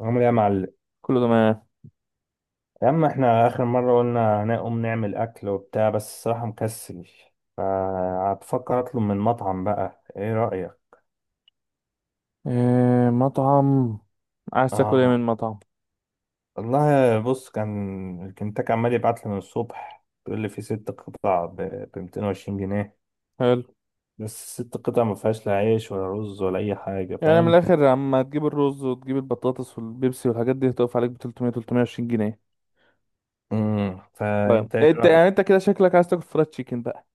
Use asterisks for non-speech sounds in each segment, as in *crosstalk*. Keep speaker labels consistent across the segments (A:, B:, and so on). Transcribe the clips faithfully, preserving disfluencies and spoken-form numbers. A: عامل ايه يا معلم؟
B: كله تمام.
A: يا عم، احنا اخر مره قلنا هنقوم نعمل اكل وبتاع، بس الصراحه مكسل. فهتفكر اطلب من مطعم بقى، ايه رايك؟
B: إيه مطعم؟ عايز تاكل ايه
A: اه.
B: من مطعم؟
A: والله بص، كان الكنتاكي عمال يبعت لي من الصبح، بيقول لي في ست قطع ب ميتين وعشرين جنيه.
B: حلو.
A: بس الست قطع ما فيهاش لا عيش ولا رز ولا اي حاجه،
B: يعني من
A: فاهم؟
B: الاخر اما تجيب الرز وتجيب البطاطس والبيبسي والحاجات دي هتقف عليك ب ثلاثمية ثلاثمية وعشرين جنيه.
A: امم
B: طيب
A: فانت ايه
B: انت
A: رايك؟
B: يعني انت كده شكلك عايز تاكل فرايد تشيكن بقى.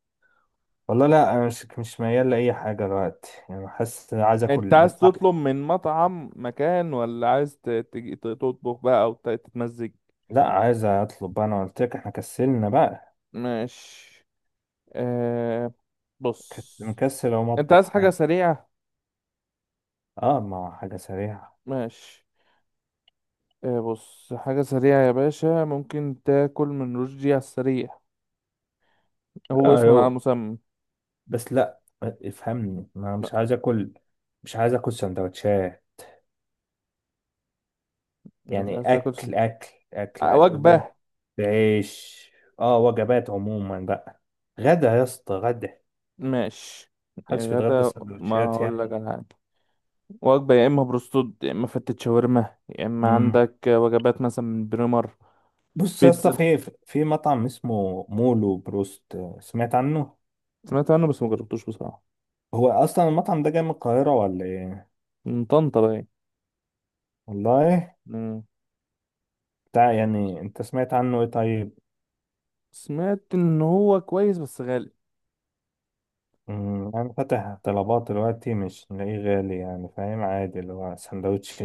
A: والله لا، انا مش مش ميال لاي حاجه دلوقتي، يعني حاسس عايز اكل
B: انت عايز
A: بس عايز.
B: تطلب من مطعم مكان ولا عايز ت- تجي ت- تطبخ بقى او ت- تتمزج؟
A: لا، عايز اطلب بقى، انا قلت لك احنا كسلنا بقى.
B: ماشي. إيه؟
A: كنت
B: بص،
A: مكسل او
B: انت
A: مطبخ
B: عايز حاجة
A: حاجه.
B: سريعة.
A: اه، ما هو حاجه سريعه.
B: ماشي. إيه، بص، حاجة سريعة يا باشا، ممكن تاكل من رشدي على السريع، هو اسم على
A: ايوه،
B: مسمى.
A: بس لا افهمني، ما أنا
B: لا،
A: مش عايز اكل. مش عايز اكل سندوتشات.
B: مش
A: يعني
B: عايز تاكل سن-
A: اكل اكل اكل.
B: آه،
A: رز.
B: وجبة.
A: بعيش. اه، وجبات عموما بقى. غدا يا اسطى، غدا.
B: ماشي يا
A: محدش بيتغدى
B: غدا، ما
A: سندوتشات
B: هقول لك
A: يعني.
B: على حاجة. وجبة، يا إما بروستود يا إما فتة شاورما يا إما
A: امم
B: عندك وجبات مثلا من بريمر.
A: بص يا اسطى،
B: بيتزا؟
A: في في مطعم اسمه مولو بروست، سمعت عنه؟
B: سمعت عنه بس ما جربتوش بصراحة.
A: هو اصلا المطعم ده جاي من القاهره ولا ايه؟
B: من طنطا باين.
A: والله.
B: مم.
A: بتاع يعني، انت سمعت عنه ايه طيب؟
B: سمعت إن هو كويس بس غالي.
A: أمم، أنا فاتح طلبات دلوقتي، مش لاقيه غالي يعني، فاهم؟ عادي اللي هو سندوتش.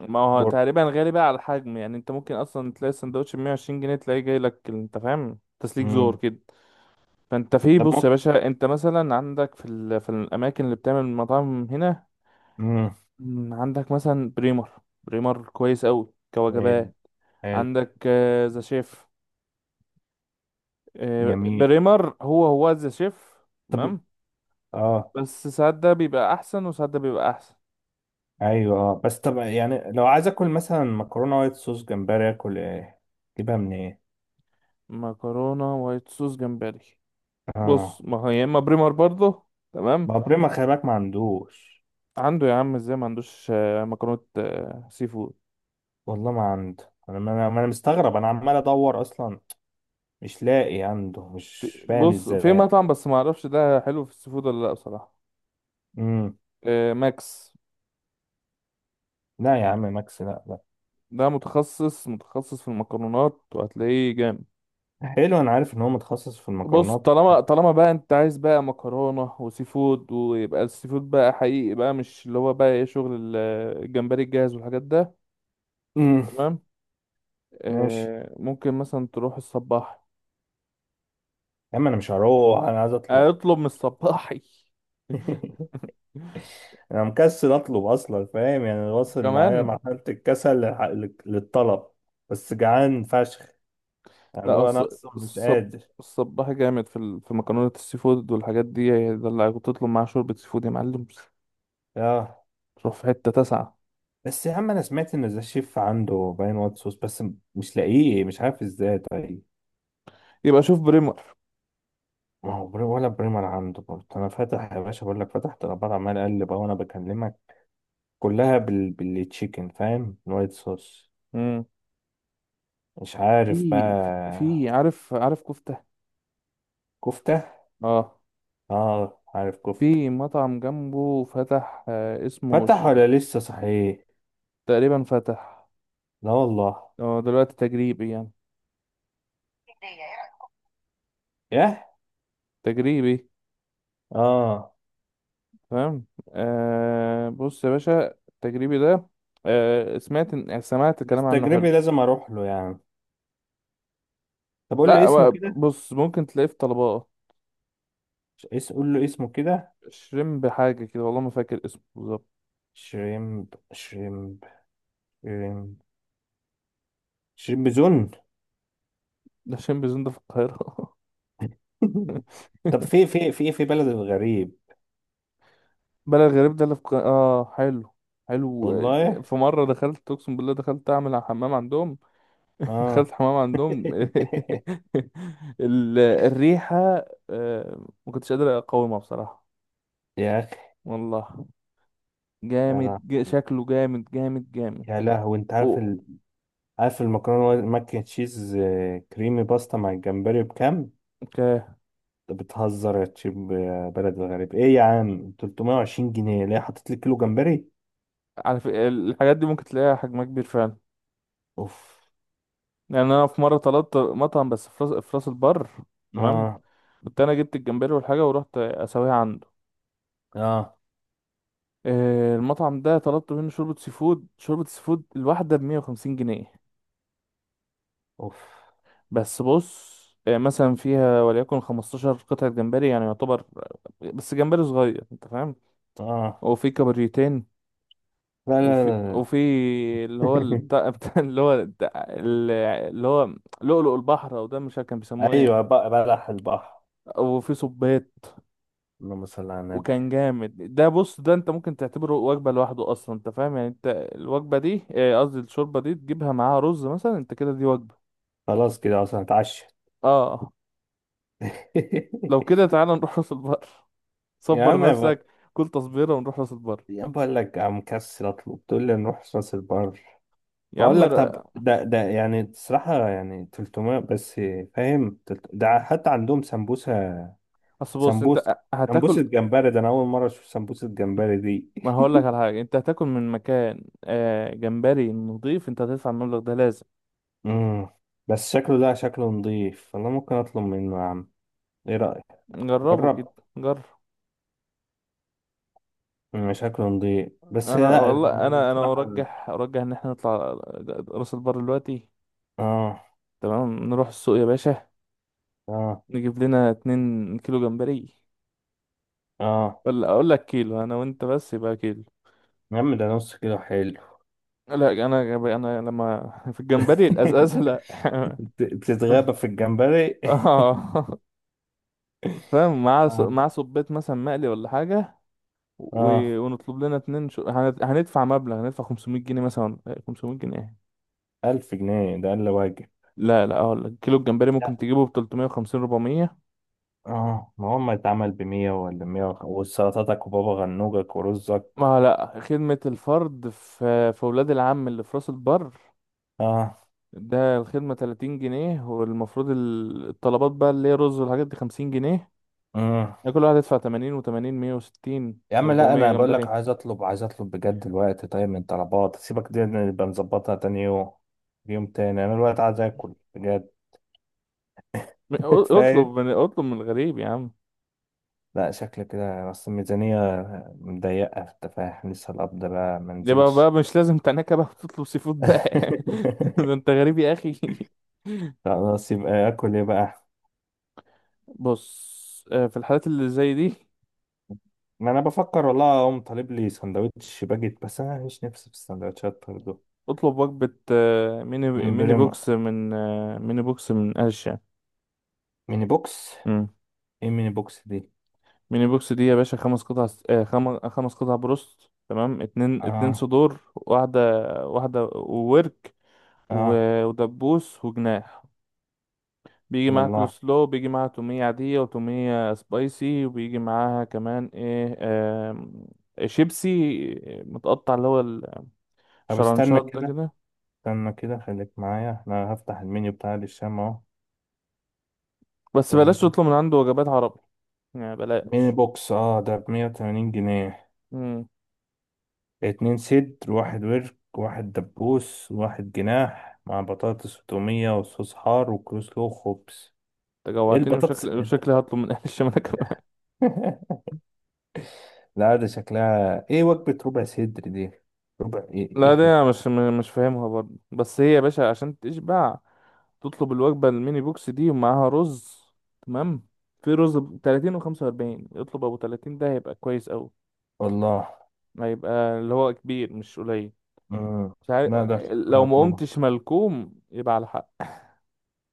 B: ما هو
A: برجر.
B: تقريبا غالي بقى على الحجم، يعني أنت ممكن أصلا تلاقي السندوتش ب مية وعشرين جنيه تلاقيه جاي لك، أنت فاهم، تسليك زور
A: أمم،
B: كده. فانت في
A: طب
B: بص يا
A: ممكن.
B: باشا، انت مثلا عندك في ال... في الاماكن اللي بتعمل مطاعم هنا.
A: أمم،
B: مم، عندك مثلا بريمر، بريمر كويس قوي
A: حلو.
B: كوجبات.
A: حلو.
B: عندك آه، ذا شيف. آه،
A: جميل.
B: بريمر هو هو ذا شيف،
A: طب.
B: تمام.
A: اه.
B: بس ساعات ده بيبقى احسن وساعات ده بيبقى احسن.
A: ايوه، اه، بس طب يعني لو عايز اكل مثلا مكرونه وايت صوص جمبري، اكل ايه؟ اجيبها من ايه؟
B: مكرونه وايت صوص جمبري؟ بص
A: اه.
B: ما هو يا اما بريمر برضه، تمام.
A: بابريما خلي بالك ما عندوش.
B: عنده يا عم، ازاي ما عندوش. آه، مكرونه، آه، سي فود.
A: والله ما عنده، انا ما انا ما أنا مستغرب، انا عمال ادور اصلا. مش لاقي عنده،
B: في
A: مش فاهم
B: بص، في
A: ازاي.
B: مطعم بس ما اعرفش ده حلو في السي فود ولا لا بصراحه.
A: امم
B: آه، ماكس،
A: لا يا عم ماكس، لا، لا.
B: ده متخصص متخصص في المكرونات وهتلاقيه جامد.
A: حلو، انا عارف ان هو متخصص في
B: بص،
A: المكرونات.
B: طالما طالما بقى انت عايز بقى مكرونة وسي فود، ويبقى السي فود بقى حقيقي بقى، مش اللي هو بقى ايه، شغل ال- الجمبري الجاهز والحاجات ده،
A: امم
B: تمام.
A: ماشي.
B: آه ممكن مثلا تروح الصباح،
A: يا عم انا مش هروح، انا عايز اطلب.
B: اطلب من الصباحي
A: *laughs*
B: *laughs*
A: انا مكسل اطلب اصلا، فاهم؟ يعني واصل معايا
B: كمان.
A: مرحله الكسل للح- للطلب. بس جعان فشخ. يعني اللي
B: لا
A: هو انا
B: الص-
A: اصلا مش
B: الصب
A: قادر.
B: الصباحي جامد في ال... في مكرونة السي فود والحاجات دي. ده اللي كنت تطلب معاه شوربة سي فود يا معلم،
A: اه.
B: تروح في حتة تسعة.
A: بس يا عم انا سمعت ان ذا شيف عنده باين وايت صوص بس. مش لاقيه، مش عارف ازاي طيب.
B: يبقى شوف بريمر.
A: ما هو بري ولا بريمر عنده برضه، انا فاتح يا باشا بقول لك، فتحت الابار عمال اقلب اهو انا بكلمك. كلها بال... بالتشيكن، فاهم؟ الوايت صوص.
B: مم.
A: مش عارف
B: في في
A: بقى.
B: عارف عارف كفتة.
A: كفتة.
B: اه،
A: اه، عارف كفتة.
B: في مطعم جنبه فتح، آه اسمه
A: فتح
B: ش...
A: ولا لسه صحيح؟
B: تقريبا فتح،
A: لا والله.
B: هو دلوقتي تجريبي يعني.
A: ياه.
B: تجريبي،
A: اه.
B: فاهم. آه بص يا باشا التجريبي ده، آه سمعت إن- يعني سمعت الكلام
A: بس
B: عنه
A: تجربي
B: حلو.
A: لازم اروح له يعني. طب قول
B: لا
A: لي اسمه
B: هو
A: كده.
B: بص ممكن تلاقيه في طلبات.
A: ش- اس قول له اسمه كده.
B: شريمب حاجة كده، والله ما فاكر اسمه بالظبط.
A: شريمب شريمب. شريمب. شريمب زون.
B: ده شريمب زون ده في القاهرة.
A: *laughs*
B: *laughs*
A: طب في في في في بلد الغريب.
B: بلد غريب ده اللي في ق... اه حلو. حلو. آه،
A: والله.
B: في مرة دخلت، اقسم بالله دخلت اعمل على حمام عندهم. *laughs* دخلت
A: اه.
B: حمام
A: *laughs*
B: عندهم *laughs* ال... الريحة، آه، ما كنتش قادر اقاومها بصراحة.
A: يا اخي.
B: والله
A: يا
B: جامد ج...
A: لهوي.
B: شكله جامد جامد جامد.
A: يا لهوي، انت عارف
B: اوه.
A: ال... عارف المكرونه ماك اند تشيز، آه، كريمي باستا مع الجمبري بكام؟
B: اوكي.
A: بتهزر يا تشيب يا بلد الغريب، ايه يا عم ثلاث مئة وعشرين جنيه؟ ليه حاطط لي كيلو جمبري؟
B: على ف... الحاجات دي ممكن تلاقيها حجمها كبير فعلا.
A: اوف.
B: يعني انا في مرة طلبت مطعم بس في راس في راس البر، تمام.
A: اه.
B: كنت انا جبت الجمبري والحاجة ورحت اسويها عندي.
A: اه.
B: آه، المطعم ده طلبت منه شوربة سي فود، شوربة سي فود الواحدة بمية وخمسين جنيه.
A: اوف.
B: بس بص، آه، مثلا فيها وليكن خمستاشر قطعة جمبري يعني يعتبر، بس جمبري صغير انت فاهم.
A: اه.
B: وفي كابوريتين،
A: لا، لا،
B: وفي
A: لا، لا.
B: وفي اللي هو ال-
A: *laughs*
B: بتاع *laughs* بتاع اللي هو الد- ال- اللي هو لؤلؤ البحر او ده مش عارف كان بيسموه ايه.
A: ايوه بقى، بلح البحر.
B: وفي صبيط.
A: اللهم صل على النبي.
B: وكان جامد. ده بص، ده انت ممكن تعتبره وجبة لوحده اصلا انت فاهم، يعني انت الوجبة دي، آه، قصدي الشوربة دي تجيبها معاها رز مثلا، انت كده دي وجبة.
A: خلاص كده اصلا هتعشى.
B: اه لو
A: *laughs*
B: كده تعالى نروح راس البر.
A: يا
B: صبر
A: عم، يا ب-.
B: نفسك، كل تصبيره ونروح راس البر.
A: يا عم بقول لك عم مكسل اطلب، تقول لي نروح راس البر؟
B: يا
A: بقول
B: عم
A: لك
B: ر-
A: طب ده ده يعني الصراحه يعني تلت ميه بس. فاهم تلت- ده حتى عندهم سمبوسه.
B: اصل بص
A: سمبوسة.
B: انت
A: سمبوسة
B: هتاكل،
A: جمبري ده أنا أول مرة أشوف سمبوسة جمبري دي.
B: ما هقول
A: *laughs*
B: لك على حاجه. انت هتاكل من مكان آه جمبري نضيف، انت هتدفع المبلغ ده لازم.
A: مم. بس شكله ده شكله نضيف، والله ممكن أطلب منه يا عم. إيه رأيك؟
B: جربه كده،
A: جرب.
B: جرب.
A: مم، شكله نضيف بس
B: انا
A: لا يعني.
B: والله انا انا
A: الصراحة.
B: ارجح ارجح ان احنا نطلع راس البر دلوقتي،
A: آه.
B: تمام. نروح السوق يا باشا،
A: آه.
B: نجيب لنا 2 كيلو جمبري.
A: آه.
B: ولا اقول لك كيلو، انا وانت بس يبقى كيلو.
A: يا عم ده نص كيلو حلو.
B: لا انا، انا لما في الجمبري الازازه
A: *laughs*
B: لا. *laughs*
A: بت-
B: اه.
A: بتتغابى في الجمبري.
B: *laughs* فاهم، مع
A: *laughs*
B: ص-
A: آه.
B: مع صبيت مثلا مقلي ولا حاجة. و-
A: آه.
B: ونطلب لنا اتنين، شو... هن- هندفع مبلغ، هندفع خمسمية جنيه مثلا، ولا- خمسمية جنيه ايه.
A: ألف جنيه ده أقل واجب.
B: لا لا، اقول لك كيلو الجمبري ممكن
A: لا.
B: تجيبه ب ثلاثمية وخمسين اربعمية.
A: آه. ما هو ما اتعمل بمية ولا مية وخ- وسلطاتك وبابا غنوجك ورزك.
B: ما لا، خدمة الفرد في في ولاد العم اللي في راس البر ده الخدمة ثلاثين جنيه، والمفروض ال- الطلبات بقى اللي هي رز والحاجات دي خمسين جنيه.
A: آه.
B: يعني كل واحد يدفع تمانين و80 مية وستين
A: يا عم، لا
B: و400
A: انا بقول لك
B: جمبري.
A: عايز اطلب عايز اطلب بجد الوقت، طيب من طلبات سيبك دي نبقى نظبطها تاني يوم. يوم تاني انا الوقت عايز اكل بجد.
B: م-
A: *laughs*
B: اطلب
A: فاهم.
B: من اطلب من الغريب يا عم.
A: لا شكل كده، اصل الميزانية مضيقة انت فاهم، لسه القبض بقى ما
B: يبقى
A: نزلش.
B: بقى مش لازم تناكة بقى تطلب سي فود بقى. *laughs* ده
A: *laughs*
B: انت غريب يا اخي.
A: خلاص يبقى اكل ايه بقى؟
B: بص، آه، في الحالات اللي زي دي
A: ما انا بفكر والله اقوم طالب لي سندوتش باجيت، بس انا مش نفسي في السندوتشات برضه.
B: اطلب وجبة، آه، ميني
A: من
B: ميني
A: بريمو.
B: بوكس من آه، ميني بوكس من أرشا.
A: ميني بوكس.
B: مم.
A: ايه ميني بوكس دي؟
B: ميني بوكس دي يا باشا، خمس قطع س- آه، خم- خمس قطع بروست، تمام. اتنين اتنين
A: اه.
B: صدور، واحدة واحدة وورك،
A: اه.
B: و- ودبوس وجناح. بيجي معاها كول
A: والله.
B: سلو، بيجي معاها تومية عادية وتومية سبايسي، وبيجي معاها كمان ايه، آم، شيبسي متقطع اللي هو
A: طب استنى
B: الشرنشات ده
A: كده.
B: كده.
A: استنى كده، خليك معايا، انا هفتح المنيو بتاع الشام اهو.
B: بس بلاش
A: استنى.
B: تطلب من عنده وجبات عربي، يعني
A: ميني
B: بلاش.
A: بوكس اه، ده بمية وتمانين جنيه.
B: امم.
A: اتنين صدر، واحد ورك، واحد دبوس، واحد جناح، مع بطاطس وتومية وصوص حار وكروسلو وخبز.
B: انت
A: ايه
B: جوعتني،
A: البطاطس
B: وشكل
A: انت؟
B: وشكلي هطلب من اهل الشمال *laughs* كمان.
A: *laughs* لا ده شكلها ايه وجبة ربع صدر دي؟ ربع ايه؟
B: لا دي
A: ايه؟
B: انا مش م- مش فاهمها برضه، بس هي يا باشا عشان تشبع تطلب الوجبة الميني بوكس دي ومعاها رز، تمام. في رز ب ثلاثين و45، اطلب ابو ثلاثين ده هيبقى كويس قوي،
A: والله.
B: ما يبقى اللي هو كبير مش قليل.
A: مم.
B: مش عارف.
A: لا ده شكلها
B: لو ما
A: هطلبها.
B: قمتش ملكوم يبقى على حق.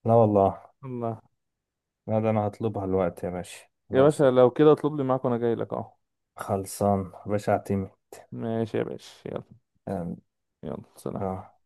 A: لا والله.
B: الله.
A: لا ده انا هطلبها الوقت يا باشا.
B: يا باشا
A: خلاص.
B: لو كده اطلب لي معاك وانا جاي لك اهو.
A: خلصان يا باشا، اعتمد.
B: ماشي يا باشا، يلا. يلا سلام.
A: آه.